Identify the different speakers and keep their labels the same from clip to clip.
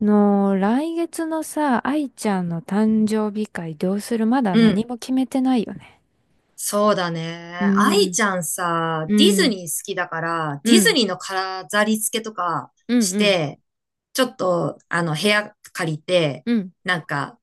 Speaker 1: の、来月のさ、愛ちゃんの誕生日会どうする？まだ
Speaker 2: うん。
Speaker 1: 何も決めてないよね。
Speaker 2: そうだ
Speaker 1: う
Speaker 2: ね。愛
Speaker 1: ん、
Speaker 2: ちゃんさ、
Speaker 1: う
Speaker 2: ディズ
Speaker 1: ん、
Speaker 2: ニー好きだから、
Speaker 1: う
Speaker 2: ディズ
Speaker 1: ん、
Speaker 2: ニーの飾り付けとか
Speaker 1: うん、
Speaker 2: し
Speaker 1: うん、
Speaker 2: て、ちょっと、部屋借りて、
Speaker 1: うん。
Speaker 2: なんか、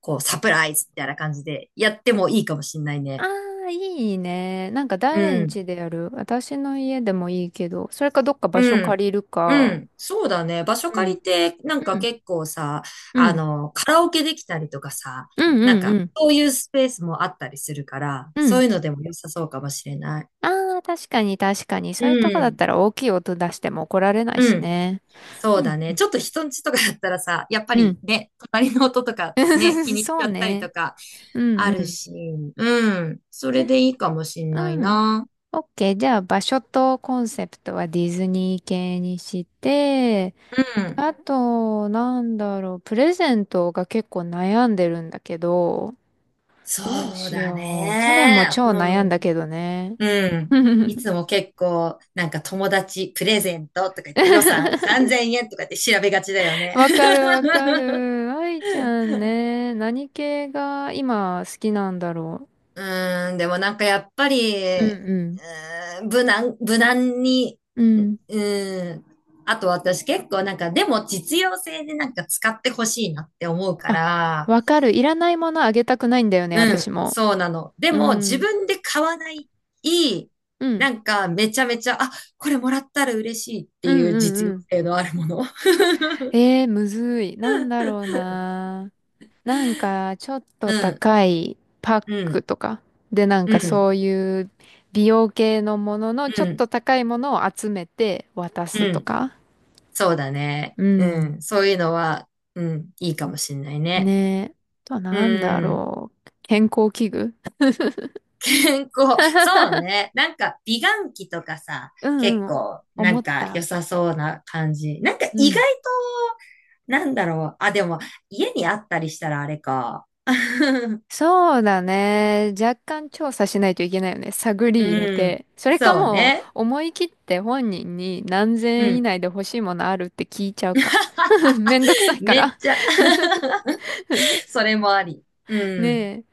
Speaker 2: こう、サプライズみたいな感じでやってもいいかもしんない
Speaker 1: あ
Speaker 2: ね。
Speaker 1: あ、いいね。なんか
Speaker 2: う
Speaker 1: 誰ん
Speaker 2: ん。
Speaker 1: 家でやる？私の家でもいいけど、それかどっか場所
Speaker 2: うん。
Speaker 1: 借りる
Speaker 2: う
Speaker 1: か。
Speaker 2: ん。そうだね。場所
Speaker 1: う
Speaker 2: 借
Speaker 1: ん、
Speaker 2: りて、なん
Speaker 1: う
Speaker 2: か
Speaker 1: ん、
Speaker 2: 結構さ、
Speaker 1: うん、
Speaker 2: カラオケできたりとかさ、
Speaker 1: うん、
Speaker 2: なん
Speaker 1: うん、う
Speaker 2: か、
Speaker 1: ん。
Speaker 2: そういうスペースもあったりするから、
Speaker 1: う
Speaker 2: そう
Speaker 1: ん、
Speaker 2: いうのでも良さそうかもしれない。
Speaker 1: ああー、確かに確かに。そ
Speaker 2: う
Speaker 1: ういうとこだっ
Speaker 2: ん。
Speaker 1: たら大きい音出しても怒られない
Speaker 2: う
Speaker 1: し
Speaker 2: ん。
Speaker 1: ね。
Speaker 2: そう
Speaker 1: う
Speaker 2: だ
Speaker 1: ん、う
Speaker 2: ね。
Speaker 1: ん、
Speaker 2: ちょっと人んちとかだったらさ、やっぱりね、隣の音と か
Speaker 1: う
Speaker 2: ね、気
Speaker 1: ん。
Speaker 2: にし
Speaker 1: そ
Speaker 2: ち
Speaker 1: う
Speaker 2: ゃったり
Speaker 1: ね。
Speaker 2: とか
Speaker 1: うん
Speaker 2: あ
Speaker 1: う
Speaker 2: る
Speaker 1: ん。
Speaker 2: し、うん。そ
Speaker 1: じ
Speaker 2: れ
Speaker 1: ゃ
Speaker 2: でいいかもしん
Speaker 1: あ、
Speaker 2: ない
Speaker 1: うん。
Speaker 2: な。
Speaker 1: OK。じゃあ、場所とコンセプトはディズニー系にして、
Speaker 2: うん。
Speaker 1: あと、なんだろう、プレゼントが結構悩んでるんだけど、
Speaker 2: そ
Speaker 1: どう
Speaker 2: う
Speaker 1: し
Speaker 2: だ
Speaker 1: よう。去年も
Speaker 2: ね。
Speaker 1: 超
Speaker 2: も
Speaker 1: 悩ん
Speaker 2: う、
Speaker 1: だけどね。
Speaker 2: うん。い つも結構、なんか友達プレゼントとか言って予算3000円とか言って調べがちだよね。
Speaker 1: わかるわか る。愛ちゃんね、何系が今好きなんだろ
Speaker 2: うでもなんかやっぱり、
Speaker 1: う。うん
Speaker 2: 無難に、
Speaker 1: うん。うん。
Speaker 2: うーん、あと私結構なんか、でも実用性でなんか使ってほしいなって思うか
Speaker 1: あ、
Speaker 2: ら、
Speaker 1: わかる。いらないものあげたくないんだよね、
Speaker 2: うん、
Speaker 1: 私も。
Speaker 2: そうなの。で
Speaker 1: う
Speaker 2: も自
Speaker 1: ん。
Speaker 2: 分で買わない、いい、
Speaker 1: うん。
Speaker 2: なんかめちゃめちゃ、これもらったら嬉しいっ
Speaker 1: う
Speaker 2: てい
Speaker 1: ん
Speaker 2: う
Speaker 1: う
Speaker 2: 実
Speaker 1: んう
Speaker 2: 用
Speaker 1: ん。
Speaker 2: 性のあるもの。
Speaker 1: むずい。なんだろうな。なんか、ちょっ
Speaker 2: う
Speaker 1: と
Speaker 2: ん、
Speaker 1: 高いパッ
Speaker 2: う
Speaker 1: ク
Speaker 2: ん、
Speaker 1: とか。で、なん
Speaker 2: う
Speaker 1: か
Speaker 2: ん、
Speaker 1: そういう美容系のものの
Speaker 2: う
Speaker 1: ちょっ
Speaker 2: ん、
Speaker 1: と高いものを集めて渡
Speaker 2: う
Speaker 1: すと
Speaker 2: ん。
Speaker 1: か。
Speaker 2: そうだね。
Speaker 1: う
Speaker 2: う
Speaker 1: ん。
Speaker 2: ん、そういうのは、うん、いいかもしんない
Speaker 1: ね
Speaker 2: ね。
Speaker 1: え。あとはなんだ
Speaker 2: うん。
Speaker 1: ろう。健康器具。
Speaker 2: 健康。そうね。なんか、美顔器とかさ、
Speaker 1: う
Speaker 2: 結
Speaker 1: んうん。
Speaker 2: 構、な
Speaker 1: 思
Speaker 2: ん
Speaker 1: っ
Speaker 2: か良
Speaker 1: た。
Speaker 2: さそうな感じ。なんか
Speaker 1: う
Speaker 2: 意外と、
Speaker 1: ん。
Speaker 2: なんだろう。でも、家にあったりしたらあれか。
Speaker 1: そうだね。若干調査しないといけないよね。探り入れ
Speaker 2: うん。
Speaker 1: て。それか
Speaker 2: そう
Speaker 1: もう
Speaker 2: ね。
Speaker 1: 思い切って本人に何千
Speaker 2: う
Speaker 1: 円以
Speaker 2: ん。
Speaker 1: 内で欲しいものある？って聞いちゃうか。めんどくさいか
Speaker 2: めっ
Speaker 1: ら。
Speaker 2: ちゃ それもあり。う
Speaker 1: ね
Speaker 2: ん。
Speaker 1: え。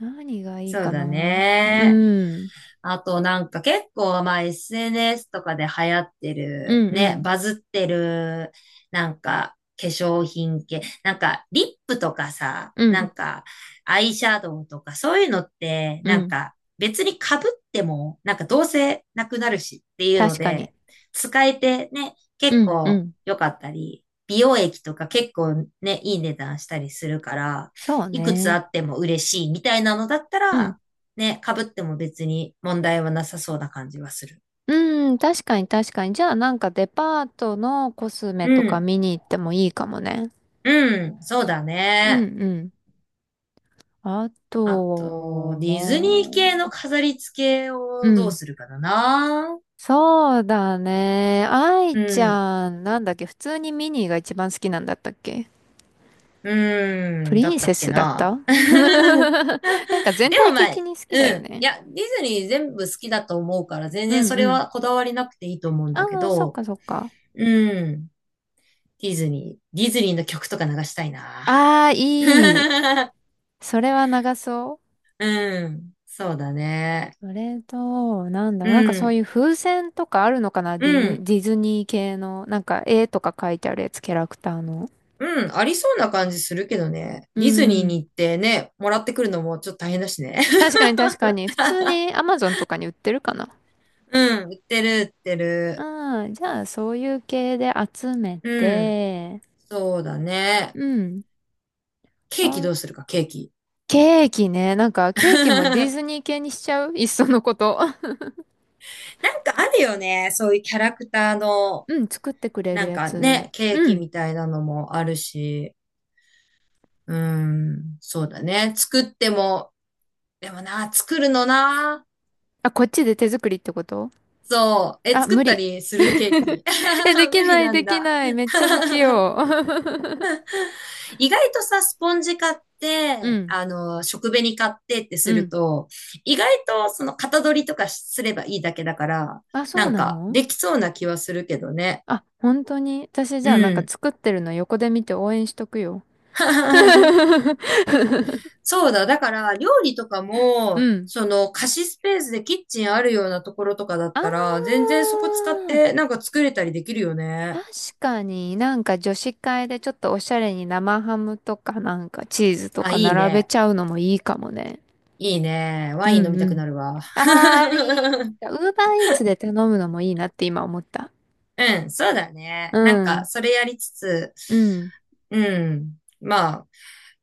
Speaker 1: 何がいい
Speaker 2: そう
Speaker 1: か
Speaker 2: だ
Speaker 1: な。
Speaker 2: ね。
Speaker 1: うん。
Speaker 2: あとなんか結構まあ SNS とかで流行って
Speaker 1: う
Speaker 2: る、
Speaker 1: んう
Speaker 2: ね、
Speaker 1: ん。
Speaker 2: バズってる、なんか化粧品系、なんかリップとかさ、
Speaker 1: う
Speaker 2: なん
Speaker 1: ん。
Speaker 2: かアイシャドウとかそういうのって、
Speaker 1: う
Speaker 2: なん
Speaker 1: ん。
Speaker 2: か別に被っても、なんかどうせなくなるしっていうの
Speaker 1: 確かに。
Speaker 2: で、使えてね、結
Speaker 1: うんう
Speaker 2: 構
Speaker 1: ん。
Speaker 2: 良かったり、美容液とか結構ね、いい値段したりするから、
Speaker 1: そう
Speaker 2: いくつあ
Speaker 1: ね。
Speaker 2: っても嬉しいみたいなのだった
Speaker 1: うん。
Speaker 2: ら、ね、被っても別に問題はなさそうな感じはする。
Speaker 1: うん。確かに確かに。じゃあなんかデパートのコス
Speaker 2: う
Speaker 1: メとか
Speaker 2: ん。
Speaker 1: 見に行ってもいいかもね。
Speaker 2: うん。そうだ
Speaker 1: う
Speaker 2: ね。
Speaker 1: んうん。あ
Speaker 2: あ
Speaker 1: と、
Speaker 2: と、
Speaker 1: も
Speaker 2: ディズニー系の
Speaker 1: う、
Speaker 2: 飾り付け
Speaker 1: う
Speaker 2: をどう
Speaker 1: ん。
Speaker 2: するかだな。
Speaker 1: そうだね。愛
Speaker 2: う
Speaker 1: ち
Speaker 2: ん。
Speaker 1: ゃん、なんだっけ、普通にミニーが一番好きなんだったっけ？
Speaker 2: う
Speaker 1: プ
Speaker 2: ん。だ
Speaker 1: リ
Speaker 2: っ
Speaker 1: ン
Speaker 2: た
Speaker 1: セ
Speaker 2: っけ
Speaker 1: スだっ
Speaker 2: な。
Speaker 1: た
Speaker 2: で
Speaker 1: なんか全
Speaker 2: も
Speaker 1: 体
Speaker 2: まあ、
Speaker 1: 的に好きだ
Speaker 2: う
Speaker 1: よ
Speaker 2: ん。い
Speaker 1: ね。
Speaker 2: や、ディズニー全部好きだと思うから、全
Speaker 1: う
Speaker 2: 然
Speaker 1: ん
Speaker 2: そ
Speaker 1: う
Speaker 2: れ
Speaker 1: ん。
Speaker 2: はこだわりなくていいと思うん
Speaker 1: あ
Speaker 2: だけ
Speaker 1: あ、そっ
Speaker 2: ど、
Speaker 1: かそっか。
Speaker 2: うん。ディズニーの曲とか流したいな。
Speaker 1: ああ、いい。それは長そ
Speaker 2: うん。そうだね。
Speaker 1: う。それと、なんだ
Speaker 2: う
Speaker 1: ろう、なんかそう
Speaker 2: ん、
Speaker 1: いう風船とかあるのかな？
Speaker 2: う
Speaker 1: ディヌ、
Speaker 2: ん、
Speaker 1: ディズニー系の、なんか絵とか書いてあるやつ、キャラクターの。
Speaker 2: うん、ありそうな感じするけどね。
Speaker 1: う
Speaker 2: ディズニー
Speaker 1: ん。
Speaker 2: に行ってね、もらってくるのもちょっと大変だしね。
Speaker 1: 確 かに確かに。普通にアマゾンとかに売ってるかな？
Speaker 2: う売ってる。
Speaker 1: うん、じゃあ、そういう系で集め
Speaker 2: うん、
Speaker 1: て、
Speaker 2: そうだね。
Speaker 1: うん。
Speaker 2: ケーキ
Speaker 1: あ、
Speaker 2: どうするか、ケーキ。
Speaker 1: ケーキね。なんか、ケーキもディ ズ
Speaker 2: な
Speaker 1: ニー系にしちゃう、いっそのこと。
Speaker 2: んかあるよね。そういうキャラクター の、
Speaker 1: うん、作ってくれ
Speaker 2: な
Speaker 1: る
Speaker 2: ん
Speaker 1: や
Speaker 2: か
Speaker 1: つ。
Speaker 2: ね、ケー
Speaker 1: う
Speaker 2: キ
Speaker 1: ん。
Speaker 2: みたいなのもあるし。うん、そうだね。作っても、でもな、作るのな。
Speaker 1: あ、こっちで手作りってこと？
Speaker 2: そう。え、
Speaker 1: あ、
Speaker 2: 作っ
Speaker 1: 無
Speaker 2: た
Speaker 1: 理。
Speaker 2: りするケー キ。
Speaker 1: え、で
Speaker 2: 無
Speaker 1: き
Speaker 2: 理
Speaker 1: ない、
Speaker 2: な
Speaker 1: で
Speaker 2: ん
Speaker 1: き
Speaker 2: だ。
Speaker 1: ない。めっちゃ不器用。
Speaker 2: 意外とさ、スポンジ買っ
Speaker 1: う
Speaker 2: て、
Speaker 1: ん、
Speaker 2: 食紅買ってって
Speaker 1: う
Speaker 2: する
Speaker 1: ん。
Speaker 2: と、意外とその型取りとかすればいいだけだから、
Speaker 1: あ、そ
Speaker 2: な
Speaker 1: う
Speaker 2: ん
Speaker 1: な
Speaker 2: か
Speaker 1: の？
Speaker 2: できそうな気はするけどね。
Speaker 1: あ、本当に。私、じ
Speaker 2: う
Speaker 1: ゃあ、なんか
Speaker 2: ん。
Speaker 1: 作ってるの横で見て応援しとくよ。
Speaker 2: そうだ。だから、料理とか
Speaker 1: う
Speaker 2: も、
Speaker 1: ん。
Speaker 2: 貸しスペースでキッチンあるようなところとかだっ
Speaker 1: あ
Speaker 2: たら、全然そこ使っ
Speaker 1: ー、
Speaker 2: て、なんか作れたりできるよね。
Speaker 1: 確かになんか女子会でちょっとおしゃれに生ハムとかなんかチーズと
Speaker 2: あ、
Speaker 1: か
Speaker 2: いい
Speaker 1: 並べ
Speaker 2: ね。
Speaker 1: ちゃうのもいいかもね。
Speaker 2: いいね。
Speaker 1: う
Speaker 2: ワイン飲
Speaker 1: ん
Speaker 2: みた
Speaker 1: う
Speaker 2: く
Speaker 1: ん。
Speaker 2: なるわ。
Speaker 1: あー、あり。ウーバーイーツで頼むのもいいなって今思った。
Speaker 2: うん、そうだね。
Speaker 1: う
Speaker 2: なんか、
Speaker 1: ん。
Speaker 2: それやりつつ、
Speaker 1: うん。
Speaker 2: うん。まあ、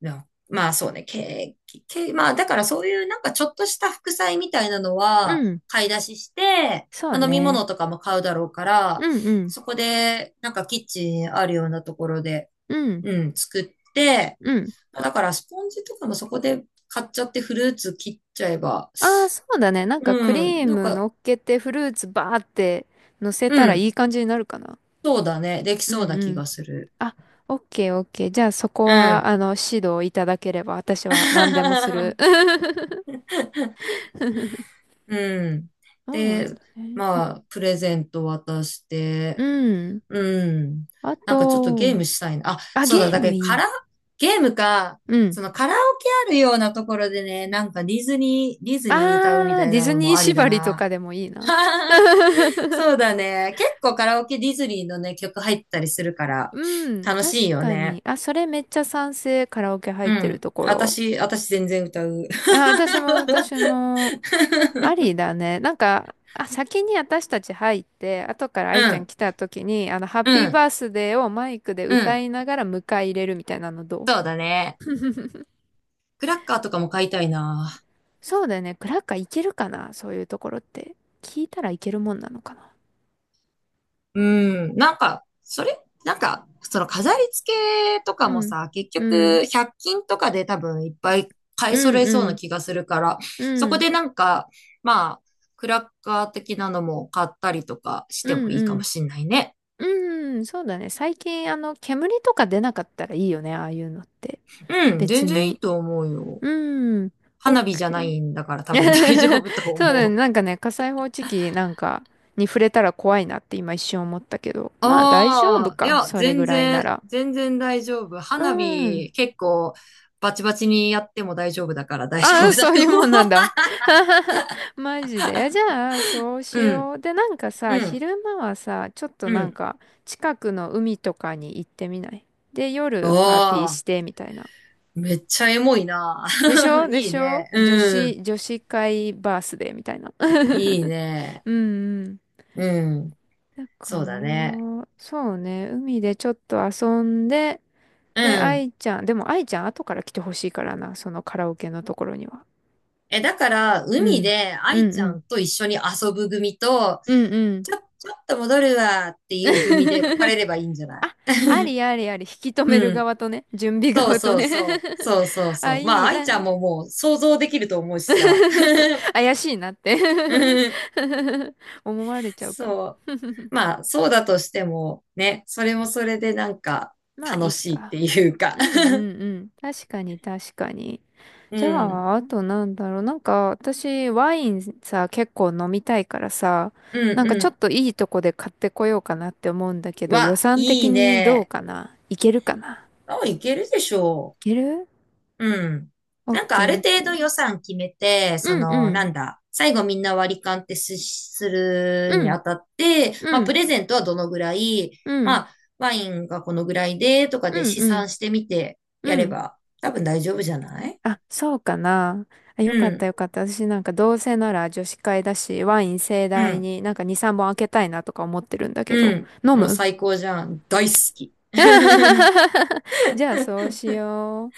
Speaker 2: なまあそうね、け、け、まあだからそういうなんかちょっとした副菜みたいなの
Speaker 1: う
Speaker 2: は
Speaker 1: ん。
Speaker 2: 買い出しして、
Speaker 1: そう
Speaker 2: まあ飲み
Speaker 1: ね。
Speaker 2: 物とかも買うだろうから、
Speaker 1: うんうん。
Speaker 2: そこでなんかキッチンあるようなところで、
Speaker 1: うん。
Speaker 2: うん、作って、
Speaker 1: うん。
Speaker 2: まあだからスポンジとかもそこで買っちゃってフルーツ切っちゃえば、
Speaker 1: ああ、そうだね。なんかク
Speaker 2: う
Speaker 1: リ
Speaker 2: ん、
Speaker 1: ー
Speaker 2: なん
Speaker 1: ム
Speaker 2: か、
Speaker 1: 乗っけてフルーツバーって乗せ
Speaker 2: う
Speaker 1: たらい
Speaker 2: ん、
Speaker 1: い感じになるかな。
Speaker 2: そうだね、でき
Speaker 1: うん
Speaker 2: そうな
Speaker 1: う
Speaker 2: 気
Speaker 1: ん。
Speaker 2: がする。
Speaker 1: あ、オッケーオッケー。じゃあそこ
Speaker 2: う
Speaker 1: は、
Speaker 2: ん。
Speaker 1: 指導いただければ私は何でもする。
Speaker 2: うん。
Speaker 1: そうなん
Speaker 2: で、
Speaker 1: だね。
Speaker 2: まあ、プレゼント渡して、
Speaker 1: うん。
Speaker 2: うん。
Speaker 1: あ
Speaker 2: なんかちょっとゲー
Speaker 1: と、
Speaker 2: ムしたいな。あ、
Speaker 1: あ、
Speaker 2: そう
Speaker 1: ゲ
Speaker 2: だ、
Speaker 1: ー
Speaker 2: だ
Speaker 1: ム
Speaker 2: けど
Speaker 1: い
Speaker 2: カラ、
Speaker 1: い。
Speaker 2: ゲームか、
Speaker 1: うん。
Speaker 2: そのカラオケあるようなところでね、なんかディズニー歌うみ
Speaker 1: あー、
Speaker 2: たい
Speaker 1: ディ
Speaker 2: な
Speaker 1: ズ
Speaker 2: の
Speaker 1: ニ
Speaker 2: も
Speaker 1: ー
Speaker 2: ありだ
Speaker 1: 縛りと
Speaker 2: な。
Speaker 1: かでもいいな。
Speaker 2: そうだね。結構カラオケディズニーのね、曲入ったりするから、
Speaker 1: うん、
Speaker 2: 楽
Speaker 1: 確
Speaker 2: しいよ
Speaker 1: かに。
Speaker 2: ね。
Speaker 1: あ、それめっちゃ賛成。カラオケ入っ
Speaker 2: う
Speaker 1: てる
Speaker 2: ん。
Speaker 1: ところ。
Speaker 2: 私全然歌う。
Speaker 1: あ、私も私も。ありだね。なんか、あ、先に私たち入って、後から
Speaker 2: う
Speaker 1: 愛ちゃん
Speaker 2: ん、
Speaker 1: 来た時に、ハッ
Speaker 2: う
Speaker 1: ピー
Speaker 2: ん、
Speaker 1: バースデーをマイクで
Speaker 2: う
Speaker 1: 歌
Speaker 2: ん、
Speaker 1: いながら迎え入れるみたいなのどう？
Speaker 2: そうだね。クラッカーとかも買いたいな。
Speaker 1: そうだよね。クラッカーいけるかな、そういうところって。聞いたらいけるもんなのかな？
Speaker 2: うん。なんか、その飾り付けとか
Speaker 1: う
Speaker 2: も
Speaker 1: ん。
Speaker 2: さ、結
Speaker 1: うん。
Speaker 2: 局、100均とかで多分いっぱい買
Speaker 1: う
Speaker 2: い揃
Speaker 1: ん
Speaker 2: えそう
Speaker 1: う
Speaker 2: な
Speaker 1: ん。
Speaker 2: 気がするから、そ
Speaker 1: う
Speaker 2: こ
Speaker 1: ん。
Speaker 2: でなんか、まあ、クラッカー的なのも買ったりとかし
Speaker 1: う
Speaker 2: て
Speaker 1: ん
Speaker 2: もいいか
Speaker 1: う
Speaker 2: も
Speaker 1: ん。
Speaker 2: しんないね。
Speaker 1: うん。そうだね。最近、煙とか出なかったらいいよね。ああいうのって。
Speaker 2: うん、
Speaker 1: 別
Speaker 2: 全然い
Speaker 1: に。
Speaker 2: いと思うよ。
Speaker 1: うん。
Speaker 2: 花火じゃな
Speaker 1: OK。
Speaker 2: いんだから多分大丈夫と
Speaker 1: そうだ
Speaker 2: 思
Speaker 1: ね。
Speaker 2: う。
Speaker 1: なんかね、火災報知器なんかに触れたら怖いなって今一瞬思ったけど。まあ大丈夫
Speaker 2: い
Speaker 1: か。
Speaker 2: や、
Speaker 1: それぐらいなら。
Speaker 2: 全然大丈夫。
Speaker 1: う
Speaker 2: 花
Speaker 1: ん。
Speaker 2: 火結構バチバチにやっても大丈夫だから大丈
Speaker 1: ああ、
Speaker 2: 夫だ
Speaker 1: そう
Speaker 2: と
Speaker 1: いうも
Speaker 2: 思
Speaker 1: んなんだ。マジで。いやじゃあ、そう
Speaker 2: う。
Speaker 1: し
Speaker 2: うん、
Speaker 1: よう。で、なんか
Speaker 2: う
Speaker 1: さ、
Speaker 2: ん、
Speaker 1: 昼間はさ、ちょっと
Speaker 2: う
Speaker 1: なん
Speaker 2: ん。
Speaker 1: か近くの海とかに行ってみない？で、
Speaker 2: あ
Speaker 1: 夜パーティー
Speaker 2: あ、
Speaker 1: してみたいな。
Speaker 2: めっちゃエモいな。
Speaker 1: でしょ で
Speaker 2: いい
Speaker 1: しょ、
Speaker 2: ね。
Speaker 1: 女
Speaker 2: うん。
Speaker 1: 子、女子会バースデーみたいな。
Speaker 2: いいね。
Speaker 1: うんうん。
Speaker 2: うん。
Speaker 1: だか
Speaker 2: そうだね。
Speaker 1: ら、そうね、海でちょっと遊んで、
Speaker 2: う
Speaker 1: で、
Speaker 2: ん。
Speaker 1: 愛ちゃん、でも愛ちゃん後から来てほしいからな、そのカラオケのところには。
Speaker 2: え、だから、
Speaker 1: う
Speaker 2: 海
Speaker 1: ん。
Speaker 2: で
Speaker 1: う
Speaker 2: 愛
Speaker 1: んう
Speaker 2: ちゃ
Speaker 1: ん。
Speaker 2: んと一緒に遊ぶ組と、
Speaker 1: うんうん。
Speaker 2: ちょっと戻るわっていう組で別れ ればいいんじゃない？
Speaker 1: あ、ありありあり、引き止め
Speaker 2: う
Speaker 1: る
Speaker 2: ん。
Speaker 1: 側とね、準備
Speaker 2: そう
Speaker 1: 側と
Speaker 2: そう
Speaker 1: ね。
Speaker 2: そう。そうそう
Speaker 1: あ、
Speaker 2: そう。ま
Speaker 1: い
Speaker 2: あ、
Speaker 1: い
Speaker 2: 愛
Speaker 1: な、
Speaker 2: ちゃんももう想像できると思うしさ。
Speaker 1: 怪しいなって
Speaker 2: うん。
Speaker 1: 思われちゃうか。
Speaker 2: そう。まあ、そうだとしても、ね、それもそれでなんか
Speaker 1: まあ、い
Speaker 2: 楽
Speaker 1: い
Speaker 2: しいっ
Speaker 1: か。
Speaker 2: ていうか。
Speaker 1: うんうんう ん。確かに確かに。
Speaker 2: う
Speaker 1: じゃ
Speaker 2: ん。
Speaker 1: あ、あとなんだろう。なんか、私、ワインさ、結構飲みたいからさ、
Speaker 2: うん
Speaker 1: なんかちょ
Speaker 2: う
Speaker 1: っといいとこで買ってこようかなって思うんだけ
Speaker 2: ん。
Speaker 1: ど、予
Speaker 2: わ、
Speaker 1: 算
Speaker 2: い
Speaker 1: 的
Speaker 2: い
Speaker 1: にどう
Speaker 2: ね。
Speaker 1: かな？いけるかな？
Speaker 2: あ、いけるでしょ
Speaker 1: い
Speaker 2: う。
Speaker 1: ける？
Speaker 2: うん。
Speaker 1: オッ
Speaker 2: なんか
Speaker 1: ケ
Speaker 2: あ
Speaker 1: ー
Speaker 2: る
Speaker 1: オッ
Speaker 2: 程度
Speaker 1: ケ
Speaker 2: 予
Speaker 1: ー。
Speaker 2: 算決めて、そ
Speaker 1: うんう
Speaker 2: の、な
Speaker 1: ん。
Speaker 2: んだ、最後みんな割り勘ってする
Speaker 1: う
Speaker 2: にあ
Speaker 1: ん。
Speaker 2: たって、ま
Speaker 1: う
Speaker 2: あ、プ
Speaker 1: ん。
Speaker 2: レゼントはどのぐらい、
Speaker 1: うん。
Speaker 2: まあ、ワインがこのぐらいで、とか
Speaker 1: う
Speaker 2: で
Speaker 1: ん
Speaker 2: 試
Speaker 1: うん。
Speaker 2: 算してみてや
Speaker 1: う
Speaker 2: れ
Speaker 1: ん。
Speaker 2: ば、多分大丈夫じゃない？
Speaker 1: あ、そうかな。あ、よ
Speaker 2: う
Speaker 1: かった
Speaker 2: ん、
Speaker 1: よかった。私なんかどうせなら女子会だし、ワイン盛
Speaker 2: う
Speaker 1: 大
Speaker 2: ん、
Speaker 1: になんか2、3本開けたいなとか思ってるんだけど。
Speaker 2: うん。
Speaker 1: 飲
Speaker 2: もう
Speaker 1: む？
Speaker 2: 最高じゃん。大好き。
Speaker 1: じゃあそうしよ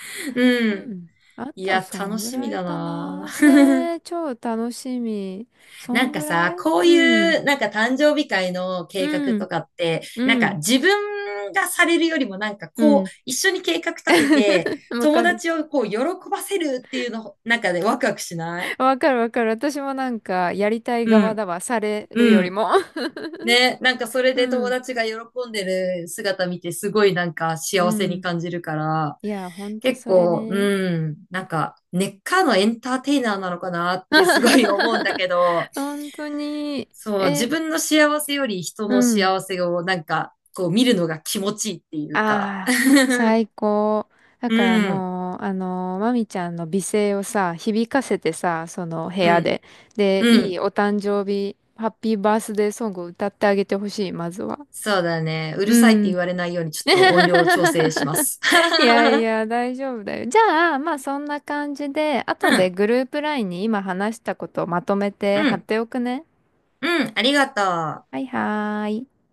Speaker 1: う。
Speaker 2: う
Speaker 1: う
Speaker 2: ん。
Speaker 1: ん。あ
Speaker 2: い
Speaker 1: と、
Speaker 2: や、
Speaker 1: そ
Speaker 2: 楽
Speaker 1: んぐ
Speaker 2: しみ
Speaker 1: らい
Speaker 2: だ
Speaker 1: か
Speaker 2: な。
Speaker 1: な。ねえ、超楽しみ。そ
Speaker 2: なん
Speaker 1: ん
Speaker 2: か
Speaker 1: ぐら
Speaker 2: さ、
Speaker 1: い、
Speaker 2: こう
Speaker 1: うん。
Speaker 2: いう、なんか誕生日会の計
Speaker 1: う
Speaker 2: 画
Speaker 1: ん。
Speaker 2: とかって、なん
Speaker 1: う
Speaker 2: か
Speaker 1: ん。
Speaker 2: 自分がされるよりもなんか
Speaker 1: う
Speaker 2: こう、
Speaker 1: ん。
Speaker 2: 一緒に計画立てて、
Speaker 1: わ
Speaker 2: 友
Speaker 1: かる。
Speaker 2: 達をこう、喜ばせるっていうの、なんかでワクワクしない？
Speaker 1: わかるわかる。私もなんか、やりたい
Speaker 2: う
Speaker 1: 側
Speaker 2: ん、
Speaker 1: だわ。される
Speaker 2: う
Speaker 1: より
Speaker 2: ん。
Speaker 1: も。
Speaker 2: ね、なんかそれ
Speaker 1: う
Speaker 2: で友
Speaker 1: ん。
Speaker 2: 達が喜んでる姿見て、すごいなんか
Speaker 1: う
Speaker 2: 幸せに
Speaker 1: ん。
Speaker 2: 感じるから、
Speaker 1: いや、ほんと
Speaker 2: 結
Speaker 1: それ
Speaker 2: 構、
Speaker 1: ね。
Speaker 2: うん、なんか根っからのエンターテイナーなのかなってすごい思うんだ けど、
Speaker 1: 本当に。
Speaker 2: そう、自
Speaker 1: え、
Speaker 2: 分の幸せより人
Speaker 1: う
Speaker 2: の
Speaker 1: ん。
Speaker 2: 幸せをなんか、こう見るのが気持ちいいっていうか。
Speaker 1: ああ、最高。だ
Speaker 2: う
Speaker 1: から
Speaker 2: ん、
Speaker 1: もう、まみちゃんの美声をさ、響かせてさ、その部屋
Speaker 2: うん、
Speaker 1: で。で、
Speaker 2: う
Speaker 1: いい
Speaker 2: ん。
Speaker 1: お誕生日、ハッピーバースデーソングを歌ってあげてほしい、まずは。
Speaker 2: そうだね。う
Speaker 1: う
Speaker 2: るさいって
Speaker 1: ん。
Speaker 2: 言われないようにちょっと音量を調整しま す。
Speaker 1: いや いや、大丈夫だよ。じゃあ、まあそんな感じで、
Speaker 2: う
Speaker 1: 後で
Speaker 2: ん、
Speaker 1: グループラインに今話したことをまとめ
Speaker 2: う
Speaker 1: て貼っ
Speaker 2: ん、
Speaker 1: ておくね。
Speaker 2: うん、ありがとう。
Speaker 1: はいはーい。